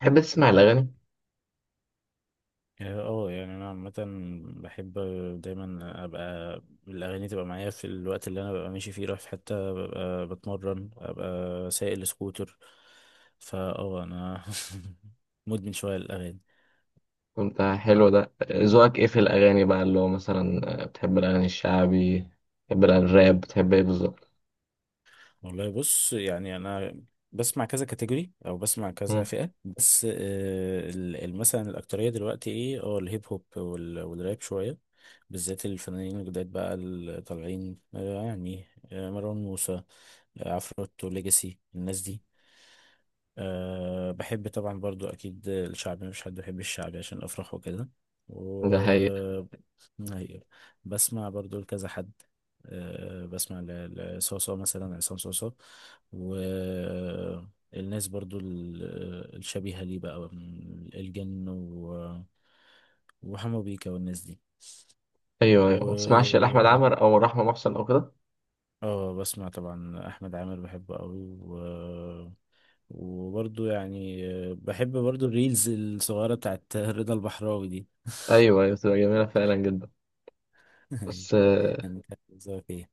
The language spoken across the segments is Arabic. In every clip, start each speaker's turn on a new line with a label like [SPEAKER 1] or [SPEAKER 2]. [SPEAKER 1] تحب تسمع الأغاني؟
[SPEAKER 2] اه يعني انا عامة بحب دايما ابقى الاغاني تبقى معايا في الوقت اللي انا ببقى ماشي فيه رايح في حتة ببقى بتمرن ابقى سايق السكوتر. فا انا مدمن شوية الاغاني.
[SPEAKER 1] كنت حلو ده. ذوقك إيه في الأغاني بقى اللي هو مثلا بتحب الأغاني الشعبي؟ بتحب الراب؟ بتحب إيه بالظبط؟
[SPEAKER 2] والله بص يعني انا بسمع كذا كاتيجوري او بسمع كذا
[SPEAKER 1] مم.
[SPEAKER 2] فئه بس مثلا الاكتريه دلوقتي ايه الهيب هوب والراب شويه، بالذات الفنانين الجداد بقى اللي طالعين يعني مروان موسى، عفروتو، ليجاسي، الناس دي. أه بحب طبعا برضو أكيد الشعبي، مش حد بيحب الشعبي عشان أفرح وكده. و
[SPEAKER 1] ده حقيقة.
[SPEAKER 2] أيوة. بسمع برضو لكذا حد. أه بسمع لصوصو مثلا عصام صوصو والناس برضو الشبيهة ليه بقى من الجن و... وحمو بيكا والناس دي.
[SPEAKER 1] أيوه
[SPEAKER 2] و
[SPEAKER 1] أيوه، ما تسمعش لأحمد
[SPEAKER 2] ايوه،
[SPEAKER 1] عمر أو رحمة محسن أو كده؟
[SPEAKER 2] اه بسمع طبعا أحمد عامر بحبه قوي. وبرضو يعني بحب برضو الريلز الصغيرة بتاعت رضا البحراوي دي
[SPEAKER 1] أيوه أيوه، بتبقى جميلة فعلا جدا.
[SPEAKER 2] أيوة.
[SPEAKER 1] بس
[SPEAKER 2] يعني كانت بتظهر فيها.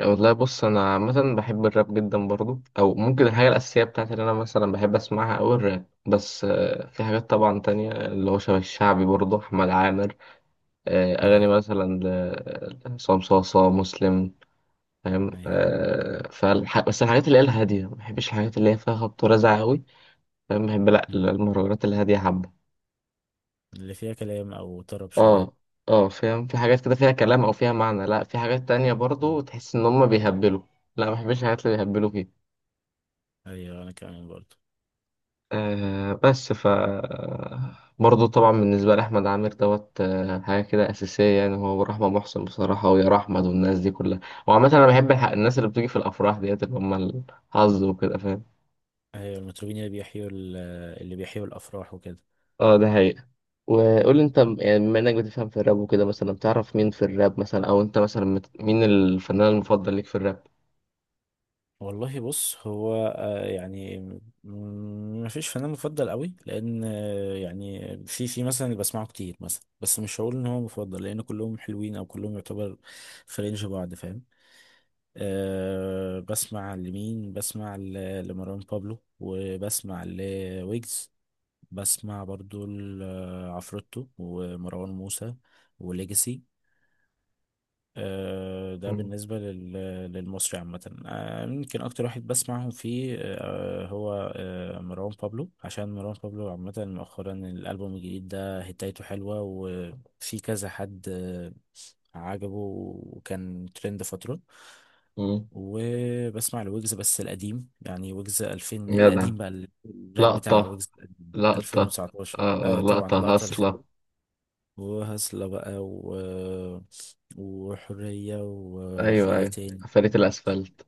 [SPEAKER 1] والله بص، أنا عامة بحب الراب جدا برضو، أو ممكن الحاجة الأساسية بتاعتي اللي أنا مثلا بحب أسمعها أوي الراب. بس في حاجات طبعا تانية اللي هو شبه الشعبي، برضو أحمد عامر. أغاني
[SPEAKER 2] ايوه
[SPEAKER 1] مثلا لعصام صاصا مسلم. فاهم
[SPEAKER 2] ايوه.
[SPEAKER 1] آه؟ بس الحاجات اللي هي الهادية، ما بحبش الحاجات اللي هي فيها خبط ورزع قوي. فاهم؟ بحب لا
[SPEAKER 2] م.
[SPEAKER 1] المهرجانات الهادية حبة.
[SPEAKER 2] اللي فيها كلام او طرب شوية.
[SPEAKER 1] اه اه، فاهم؟ في حاجات كده فيها كلام او فيها معنى، لا في حاجات تانية
[SPEAKER 2] م.
[SPEAKER 1] برضو تحس ان هم بيهبلوا. لا ما بحبش الحاجات اللي بيهبلوا فيها.
[SPEAKER 2] ايوه انا كمان برضو.
[SPEAKER 1] آه بس ف برضه طبعا بالنسبة لأحمد عامر دوت حاجة كده أساسية. يعني هو ورحمة محسن بصراحة ويا أحمد والناس دي كلها. وعامة أنا بحب الناس اللي بتيجي في الأفراح ديت، اللي هم الحظ وكده، فاهم.
[SPEAKER 2] ايوه المطربين اللي بيحيوا اللي بيحيوا الافراح وكده.
[SPEAKER 1] اه، ده حقيقي. وقول لي انت يعني بما انك بتفهم في الراب وكده، مثلا بتعرف مين في الراب مثلا، او انت مثلا مين الفنان المفضل ليك في الراب؟
[SPEAKER 2] والله بص، هو يعني ما فيش فنان مفضل قوي، لان يعني في مثلا اللي بسمعه كتير مثلا، بس مش هقول ان هو مفضل لان كلهم حلوين او كلهم يعتبر في رينج بعض، فاهم. أه بسمع لمين، بسمع لمروان بابلو وبسمع لويجز. بسمع برضو لعفروتو ومروان موسى وليجاسي. أه ده
[SPEAKER 1] مم.
[SPEAKER 2] بالنسبة للمصري عامة. أه ممكن أكتر واحد بسمعهم فيه أه هو أه مروان بابلو، عشان مروان بابلو عامة مؤخرا الألبوم الجديد ده هتايته حلوة وفي كذا حد عجبه وكان ترند فترة.
[SPEAKER 1] مم.
[SPEAKER 2] وبسمع لويجز بس القديم يعني، ويجز 2000
[SPEAKER 1] جدع.
[SPEAKER 2] القديم بقى، الراب بتاع
[SPEAKER 1] لقطة.
[SPEAKER 2] ويجز القديم،
[SPEAKER 1] لقطة.
[SPEAKER 2] 2019
[SPEAKER 1] آه آه،
[SPEAKER 2] آه طبعا
[SPEAKER 1] لقطة
[SPEAKER 2] لقطة الفيلم
[SPEAKER 1] هاصلة.
[SPEAKER 2] وهسلة بقى و... وحرية، وفي
[SPEAKER 1] ايوه
[SPEAKER 2] ايه
[SPEAKER 1] ايوه،
[SPEAKER 2] تاني.
[SPEAKER 1] فريق الاسفلت.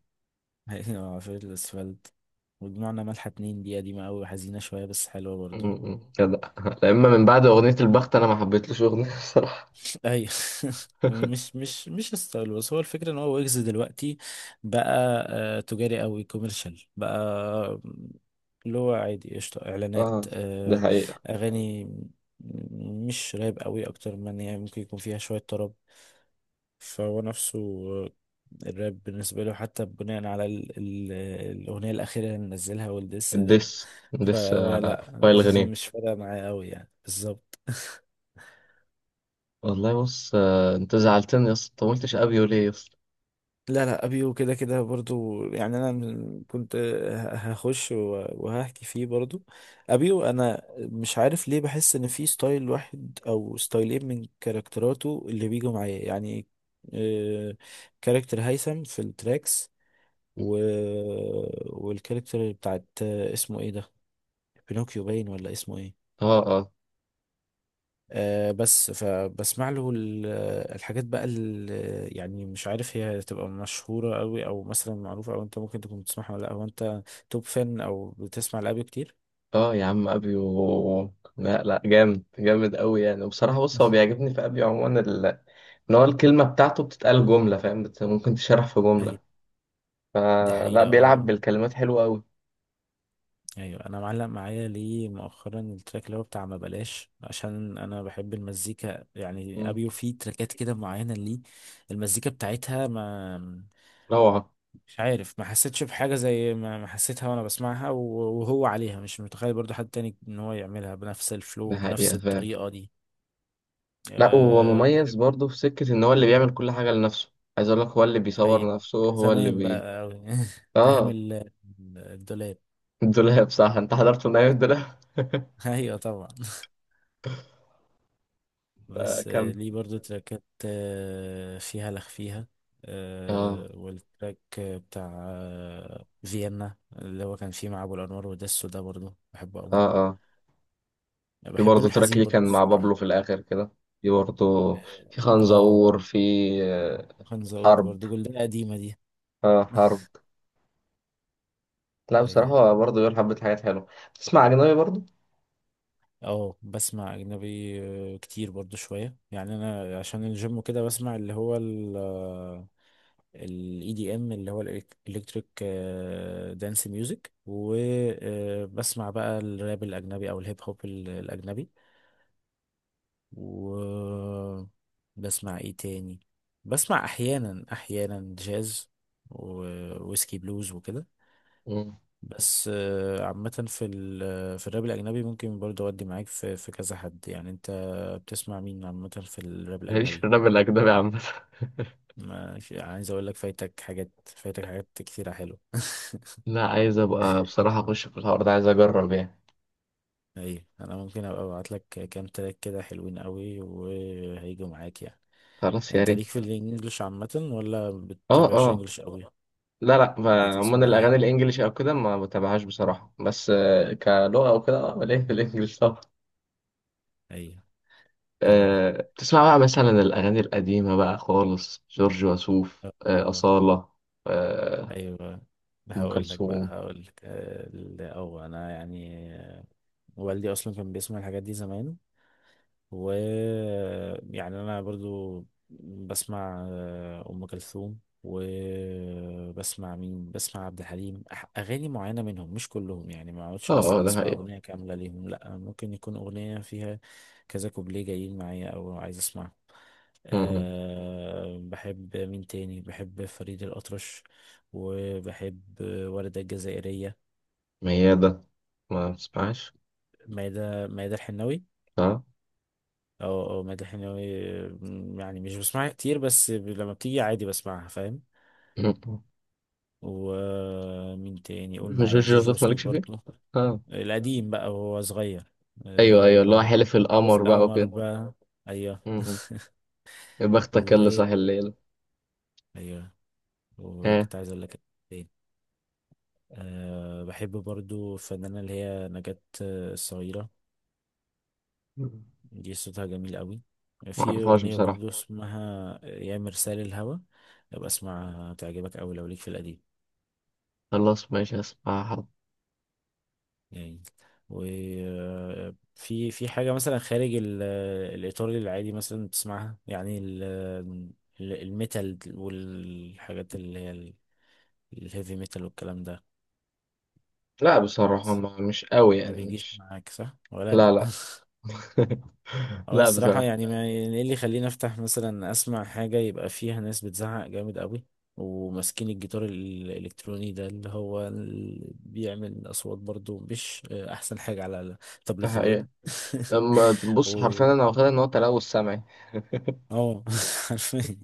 [SPEAKER 2] في الاسفلت وجمعنا ملحة اتنين دي قديمة أوي وحزينة شوية بس حلوة برضو.
[SPEAKER 1] جدع لما من بعد اغنية البخت انا ما حبيتلوش اغنية بصراحة.
[SPEAKER 2] اي مش ستايل، بس هو الفكره ان هو ويجز دلوقتي بقى تجاري قوي، كوميرشال بقى، اللي هو عادي قشطه اعلانات،
[SPEAKER 1] اه، ده حقيقة.
[SPEAKER 2] اغاني مش راب قوي اكتر من، يعني ممكن يكون فيها شويه طرب. فهو نفسه آه، الراب بالنسبه له حتى، بناء على ال الاغنيه الاخيره اللي نزلها والدس ده،
[SPEAKER 1] الدس. الدس
[SPEAKER 2] فهو
[SPEAKER 1] على
[SPEAKER 2] لا
[SPEAKER 1] فايل غنيم.
[SPEAKER 2] مش فارقه معايا قوي يعني بالظبط.
[SPEAKER 1] والله بص انت زعلتني يا اسطى، انت ما قلتش ابيو ليه يا اسطى.
[SPEAKER 2] لا لا، ابيو كده كده برضو يعني، انا كنت هخش وهحكي فيه برضو. ابيو انا مش عارف ليه، بحس ان في ستايل واحد او ستايلين من كاركتراته اللي بيجوا معايا يعني، آه، كاركتر هيثم في التراكس و... والكاركتر بتاعت اسمه ايه ده، بينوكيو باين ولا اسمه ايه.
[SPEAKER 1] اه اه.
[SPEAKER 2] بس فبسمع له الحاجات بقى اللي، يعني مش عارف هي تبقى مشهورة قوي او مثلا معروفة، او انت ممكن تكون بتسمعها ولا لا، هو انت توب فان او بتسمع لأبيو كتير؟
[SPEAKER 1] اه يا عم، ابيو لا لا، جامد جامد قوي يعني. وبصراحه بص، هو بيعجبني في ابيو عموما ان هو الكلمه بتاعته بتتقال جمله، فاهم؟ ممكن تشرح في جمله،
[SPEAKER 2] ايوه دي
[SPEAKER 1] فلا
[SPEAKER 2] حقيقة
[SPEAKER 1] بيلعب
[SPEAKER 2] اه.
[SPEAKER 1] بالكلمات حلوه قوي.
[SPEAKER 2] ايوه انا معلق معايا ليه مؤخرا التراك اللي هو بتاع ما بلاش، عشان انا بحب المزيكا يعني،
[SPEAKER 1] مم.
[SPEAKER 2] ابيو فيه تراكات كده معينة ليه المزيكا بتاعتها، ما
[SPEAKER 1] روعه.
[SPEAKER 2] مش عارف ما حسيتش بحاجة زي ما حسيتها وانا بسمعها، وهو عليها مش متخيل برضو حد تاني ان هو يعملها بنفس
[SPEAKER 1] ده
[SPEAKER 2] الفلو بنفس
[SPEAKER 1] حقيقه، فاهم.
[SPEAKER 2] الطريقة دي.
[SPEAKER 1] لا هو
[SPEAKER 2] أه
[SPEAKER 1] مميز
[SPEAKER 2] بحب.
[SPEAKER 1] برضه في سكه ان هو اللي بيعمل كل حاجه لنفسه. عايز اقول لك، هو اللي
[SPEAKER 2] حقيقة،
[SPEAKER 1] بيصور نفسه، هو اللي
[SPEAKER 2] زمان
[SPEAKER 1] بي...
[SPEAKER 2] بقى أوي من أيام
[SPEAKER 1] اه
[SPEAKER 2] الدولاب
[SPEAKER 1] الدولاب. صح، انت حضرت من ايام الدولاب
[SPEAKER 2] أيوة طبعا. بس
[SPEAKER 1] فكم.
[SPEAKER 2] ليه برضو تراكات فيها لخ فيها
[SPEAKER 1] اه
[SPEAKER 2] والتراك بتاع فيينا اللي هو كان فيه مع أبو الأنوار ودسو ده برضو بحبه
[SPEAKER 1] اه
[SPEAKER 2] أوي.
[SPEAKER 1] في
[SPEAKER 2] بحب له
[SPEAKER 1] برضه تراك
[SPEAKER 2] الحزين
[SPEAKER 1] ليه
[SPEAKER 2] برضو
[SPEAKER 1] كان مع بابلو
[SPEAKER 2] الصراحة.
[SPEAKER 1] في الآخر كده. في برضه. في
[SPEAKER 2] اه آه.
[SPEAKER 1] خنزور. في آه،
[SPEAKER 2] خنزور
[SPEAKER 1] حرب.
[SPEAKER 2] برضو جلدة قديمة دي
[SPEAKER 1] آه حرب. لا
[SPEAKER 2] اي،
[SPEAKER 1] بصراحة، هو برضه بيقول حبة حاجات حلوة. تسمع أجنبي برضه؟
[SPEAKER 2] اه بسمع اجنبي كتير برضو شوية يعني. انا عشان الجيم كده بسمع اللي هو ال الاي دي ام اللي هو الالكتريك دانس ميوزك، وبسمع بقى الراب الاجنبي او الهيب هوب الاجنبي. وبسمع ايه تاني، بسمع احيانا احيانا جاز وويسكي بلوز وكده.
[SPEAKER 1] مم.
[SPEAKER 2] بس عامة في ال في الراب الأجنبي ممكن برضه أودي معاك في كذا حد يعني. أنت بتسمع مين عامة في الراب
[SPEAKER 1] ماليش في
[SPEAKER 2] الأجنبي؟
[SPEAKER 1] الراب الأجنبي عامة.
[SPEAKER 2] ماشي عايز أقول لك فايتك حاجات، فايتك حاجات كتيرة حلوة
[SPEAKER 1] لا عايز أبقى بصراحة أخش في الحوار ده، عايز أجرب يعني.
[SPEAKER 2] أيوة أنا ممكن أبقى أبعت لك كام تراك كده حلوين قوي وهيجوا معاك يعني.
[SPEAKER 1] خلاص، يا
[SPEAKER 2] أنت ليك
[SPEAKER 1] ريت.
[SPEAKER 2] في الإنجليش عامة ولا
[SPEAKER 1] اه
[SPEAKER 2] بتتابعش
[SPEAKER 1] اه.
[SPEAKER 2] إنجليش قوي؟
[SPEAKER 1] لا لا، عموما
[SPEAKER 2] بتسمع إيه؟
[SPEAKER 1] الأغاني الإنجليش أو كده ما بتابعهاش بصراحة. بس كلغة أو كده اه ليه في الإنجليش طبعا.
[SPEAKER 2] أيوة حلو ده
[SPEAKER 1] بتسمع بقى مثلا الأغاني القديمة بقى خالص، جورج وسوف
[SPEAKER 2] آه،
[SPEAKER 1] أصالة آه،
[SPEAKER 2] أيوة.
[SPEAKER 1] أم
[SPEAKER 2] هقول لك بقى
[SPEAKER 1] كلثوم.
[SPEAKER 2] هقول لك أو أنا يعني، والدي اصلا كان بيسمع الحاجات دي زمان، و يعني انا برضو بسمع ام كلثوم، وبسمع مين، بسمع عبد الحليم، اغاني معينه منهم مش كلهم يعني، ما اقعدش
[SPEAKER 1] اه اه،
[SPEAKER 2] مثلا
[SPEAKER 1] ده
[SPEAKER 2] اسمع
[SPEAKER 1] حقيقي.
[SPEAKER 2] اغنيه كامله ليهم، لا ممكن يكون اغنيه فيها كذا كوبليه جايين معايا او عايز اسمعه.
[SPEAKER 1] م- م.
[SPEAKER 2] أه بحب مين تاني، بحب فريد الأطرش، وبحب وردة الجزائرية.
[SPEAKER 1] ميادة ما بتسمعش؟
[SPEAKER 2] مايدة الحناوي.
[SPEAKER 1] اه.
[SPEAKER 2] اه اه مادة حناوي يعني مش بسمعها كتير بس لما بتيجي عادي بسمعها فاهم.
[SPEAKER 1] م- م.
[SPEAKER 2] ومين تاني، قول معايا
[SPEAKER 1] جورج
[SPEAKER 2] جوجو
[SPEAKER 1] وسوف
[SPEAKER 2] سوب
[SPEAKER 1] مالكش فيه؟
[SPEAKER 2] برضه،
[SPEAKER 1] اه.
[SPEAKER 2] القديم بقى وهو صغير.
[SPEAKER 1] أيوه أيوه، اللي هو
[SPEAKER 2] أه...
[SPEAKER 1] حلف
[SPEAKER 2] ليلة في
[SPEAKER 1] القمر بقى
[SPEAKER 2] القمر
[SPEAKER 1] وكده.
[SPEAKER 2] بقى. ايوه.
[SPEAKER 1] م- م. يا بختك اللي
[SPEAKER 2] و
[SPEAKER 1] صاحي الليل.
[SPEAKER 2] ايوه،
[SPEAKER 1] ها؟
[SPEAKER 2] وكنت عايز اقول لك ايه. أه... بحب برضو الفنانة اللي هي نجاة الصغيرة، دي صوتها جميل قوي.
[SPEAKER 1] ما
[SPEAKER 2] في
[SPEAKER 1] أعرفهاش
[SPEAKER 2] أغنية
[SPEAKER 1] بصراحة.
[SPEAKER 2] برضو اسمها يا مرسال الهوى، ابقى اسمعها تعجبك أوي لو ليك في القديم
[SPEAKER 1] خلاص ماشي، هسمعها.
[SPEAKER 2] يعني. وفي حاجة مثلا خارج الإيطالي العادي مثلا بتسمعها يعني الميتال والحاجات اللي هي الهيفي ميتال والكلام ده؟
[SPEAKER 1] لا بصراحة، ما مش قوي
[SPEAKER 2] ما
[SPEAKER 1] يعني،
[SPEAKER 2] بيجيش
[SPEAKER 1] مش...
[SPEAKER 2] معاك صح ولا
[SPEAKER 1] لا
[SPEAKER 2] أنا؟
[SPEAKER 1] لا.
[SPEAKER 2] اه
[SPEAKER 1] لا
[SPEAKER 2] الصراحة
[SPEAKER 1] بصراحة.
[SPEAKER 2] يعني ما يعني، ايه اللي يخليني افتح مثلا اسمع حاجة يبقى فيها ناس بتزعق جامد قوي، وماسكين الجيتار الالكتروني ده اللي هو بيعمل اصوات برضو مش احسن حاجة على
[SPEAKER 1] ده
[SPEAKER 2] طبلة
[SPEAKER 1] حقيقي.
[SPEAKER 2] الودن
[SPEAKER 1] لما تبص
[SPEAKER 2] و
[SPEAKER 1] حرفيا، انا واخدها ان هو تلوث سمعي.
[SPEAKER 2] اه حرفيا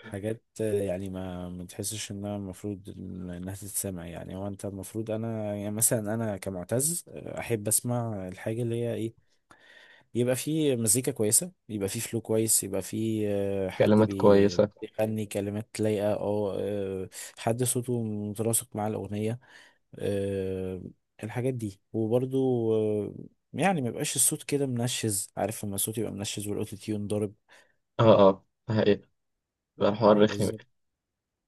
[SPEAKER 2] حاجات يعني، ما تحسش انها المفروض انها تتسمع يعني. هو انت المفروض، انا يعني مثلا انا كمعتز احب اسمع الحاجة اللي هي ايه، يبقى في مزيكا كويسة، يبقى في فلو كويس، يبقى في حد
[SPEAKER 1] كلمات كويسه.
[SPEAKER 2] بيغني كلمات لايقة، أو حد صوته متناسق مع الأغنية آه، الحاجات دي. وبرضو يعني ما يبقاش الصوت كده منشز، عارف لما الصوت يبقى منشز والأوتو تيون ضارب،
[SPEAKER 1] اه اه، ده حقيقه. بقى حوار رخم.
[SPEAKER 2] بالظبط،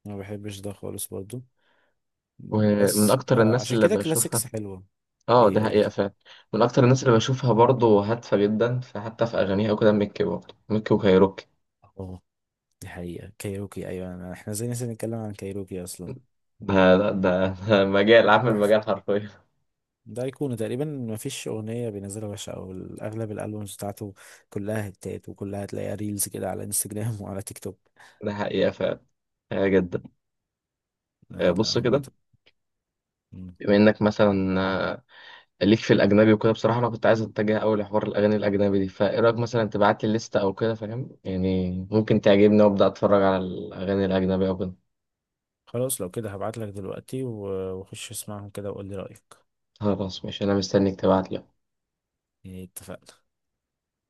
[SPEAKER 2] ما بحبش ده خالص برضو.
[SPEAKER 1] ومن
[SPEAKER 2] بس
[SPEAKER 1] اكتر الناس
[SPEAKER 2] عشان
[SPEAKER 1] اللي
[SPEAKER 2] كده
[SPEAKER 1] بشوفها.
[SPEAKER 2] كلاسيكس حلوة.
[SPEAKER 1] اه،
[SPEAKER 2] ايه
[SPEAKER 1] ده
[SPEAKER 2] قولي.
[SPEAKER 1] حقيقه فعلا. من اكتر الناس اللي بشوفها برضه هادفه جدا، فحتى في اغانيها وكده، ميكي، برضه ميكي وكايروكي.
[SPEAKER 2] اه دي حقيقة، كايروكي أيوة أنا- احنا زي ناس نتكلم عن كايروكي أصلا.
[SPEAKER 1] ده ده مجال، عامل مجال حرفيا.
[SPEAKER 2] ده أيقونة تقريبا، مفيش أغنية بينزلها وحشة، أو أغلب الألبومز بتاعته كلها هتات وكلها هتلاقيها ريلز كده على انستجرام وعلى تيك توك.
[SPEAKER 1] ده حقيقه فعلا. حقيقة جدا.
[SPEAKER 2] لا لا
[SPEAKER 1] بص
[SPEAKER 2] هم
[SPEAKER 1] كده،
[SPEAKER 2] ت- مم.
[SPEAKER 1] بما انك مثلا ليك في الاجنبي وكده، بصراحه انا كنت عايز اتجه اول لحوار الاغاني الاجنبي دي، فايه رايك مثلا تبعت لي الليسته او كده، فاهم يعني؟ ممكن تعجبني وابدا اتفرج على الاغاني الاجنبي او كده.
[SPEAKER 2] خلاص لو كده هبعتلك دلوقتي وخش اسمعهم كده وقول لي رأيك.
[SPEAKER 1] خلاص ماشي، انا مستنيك تبعت لي.
[SPEAKER 2] اتفقنا.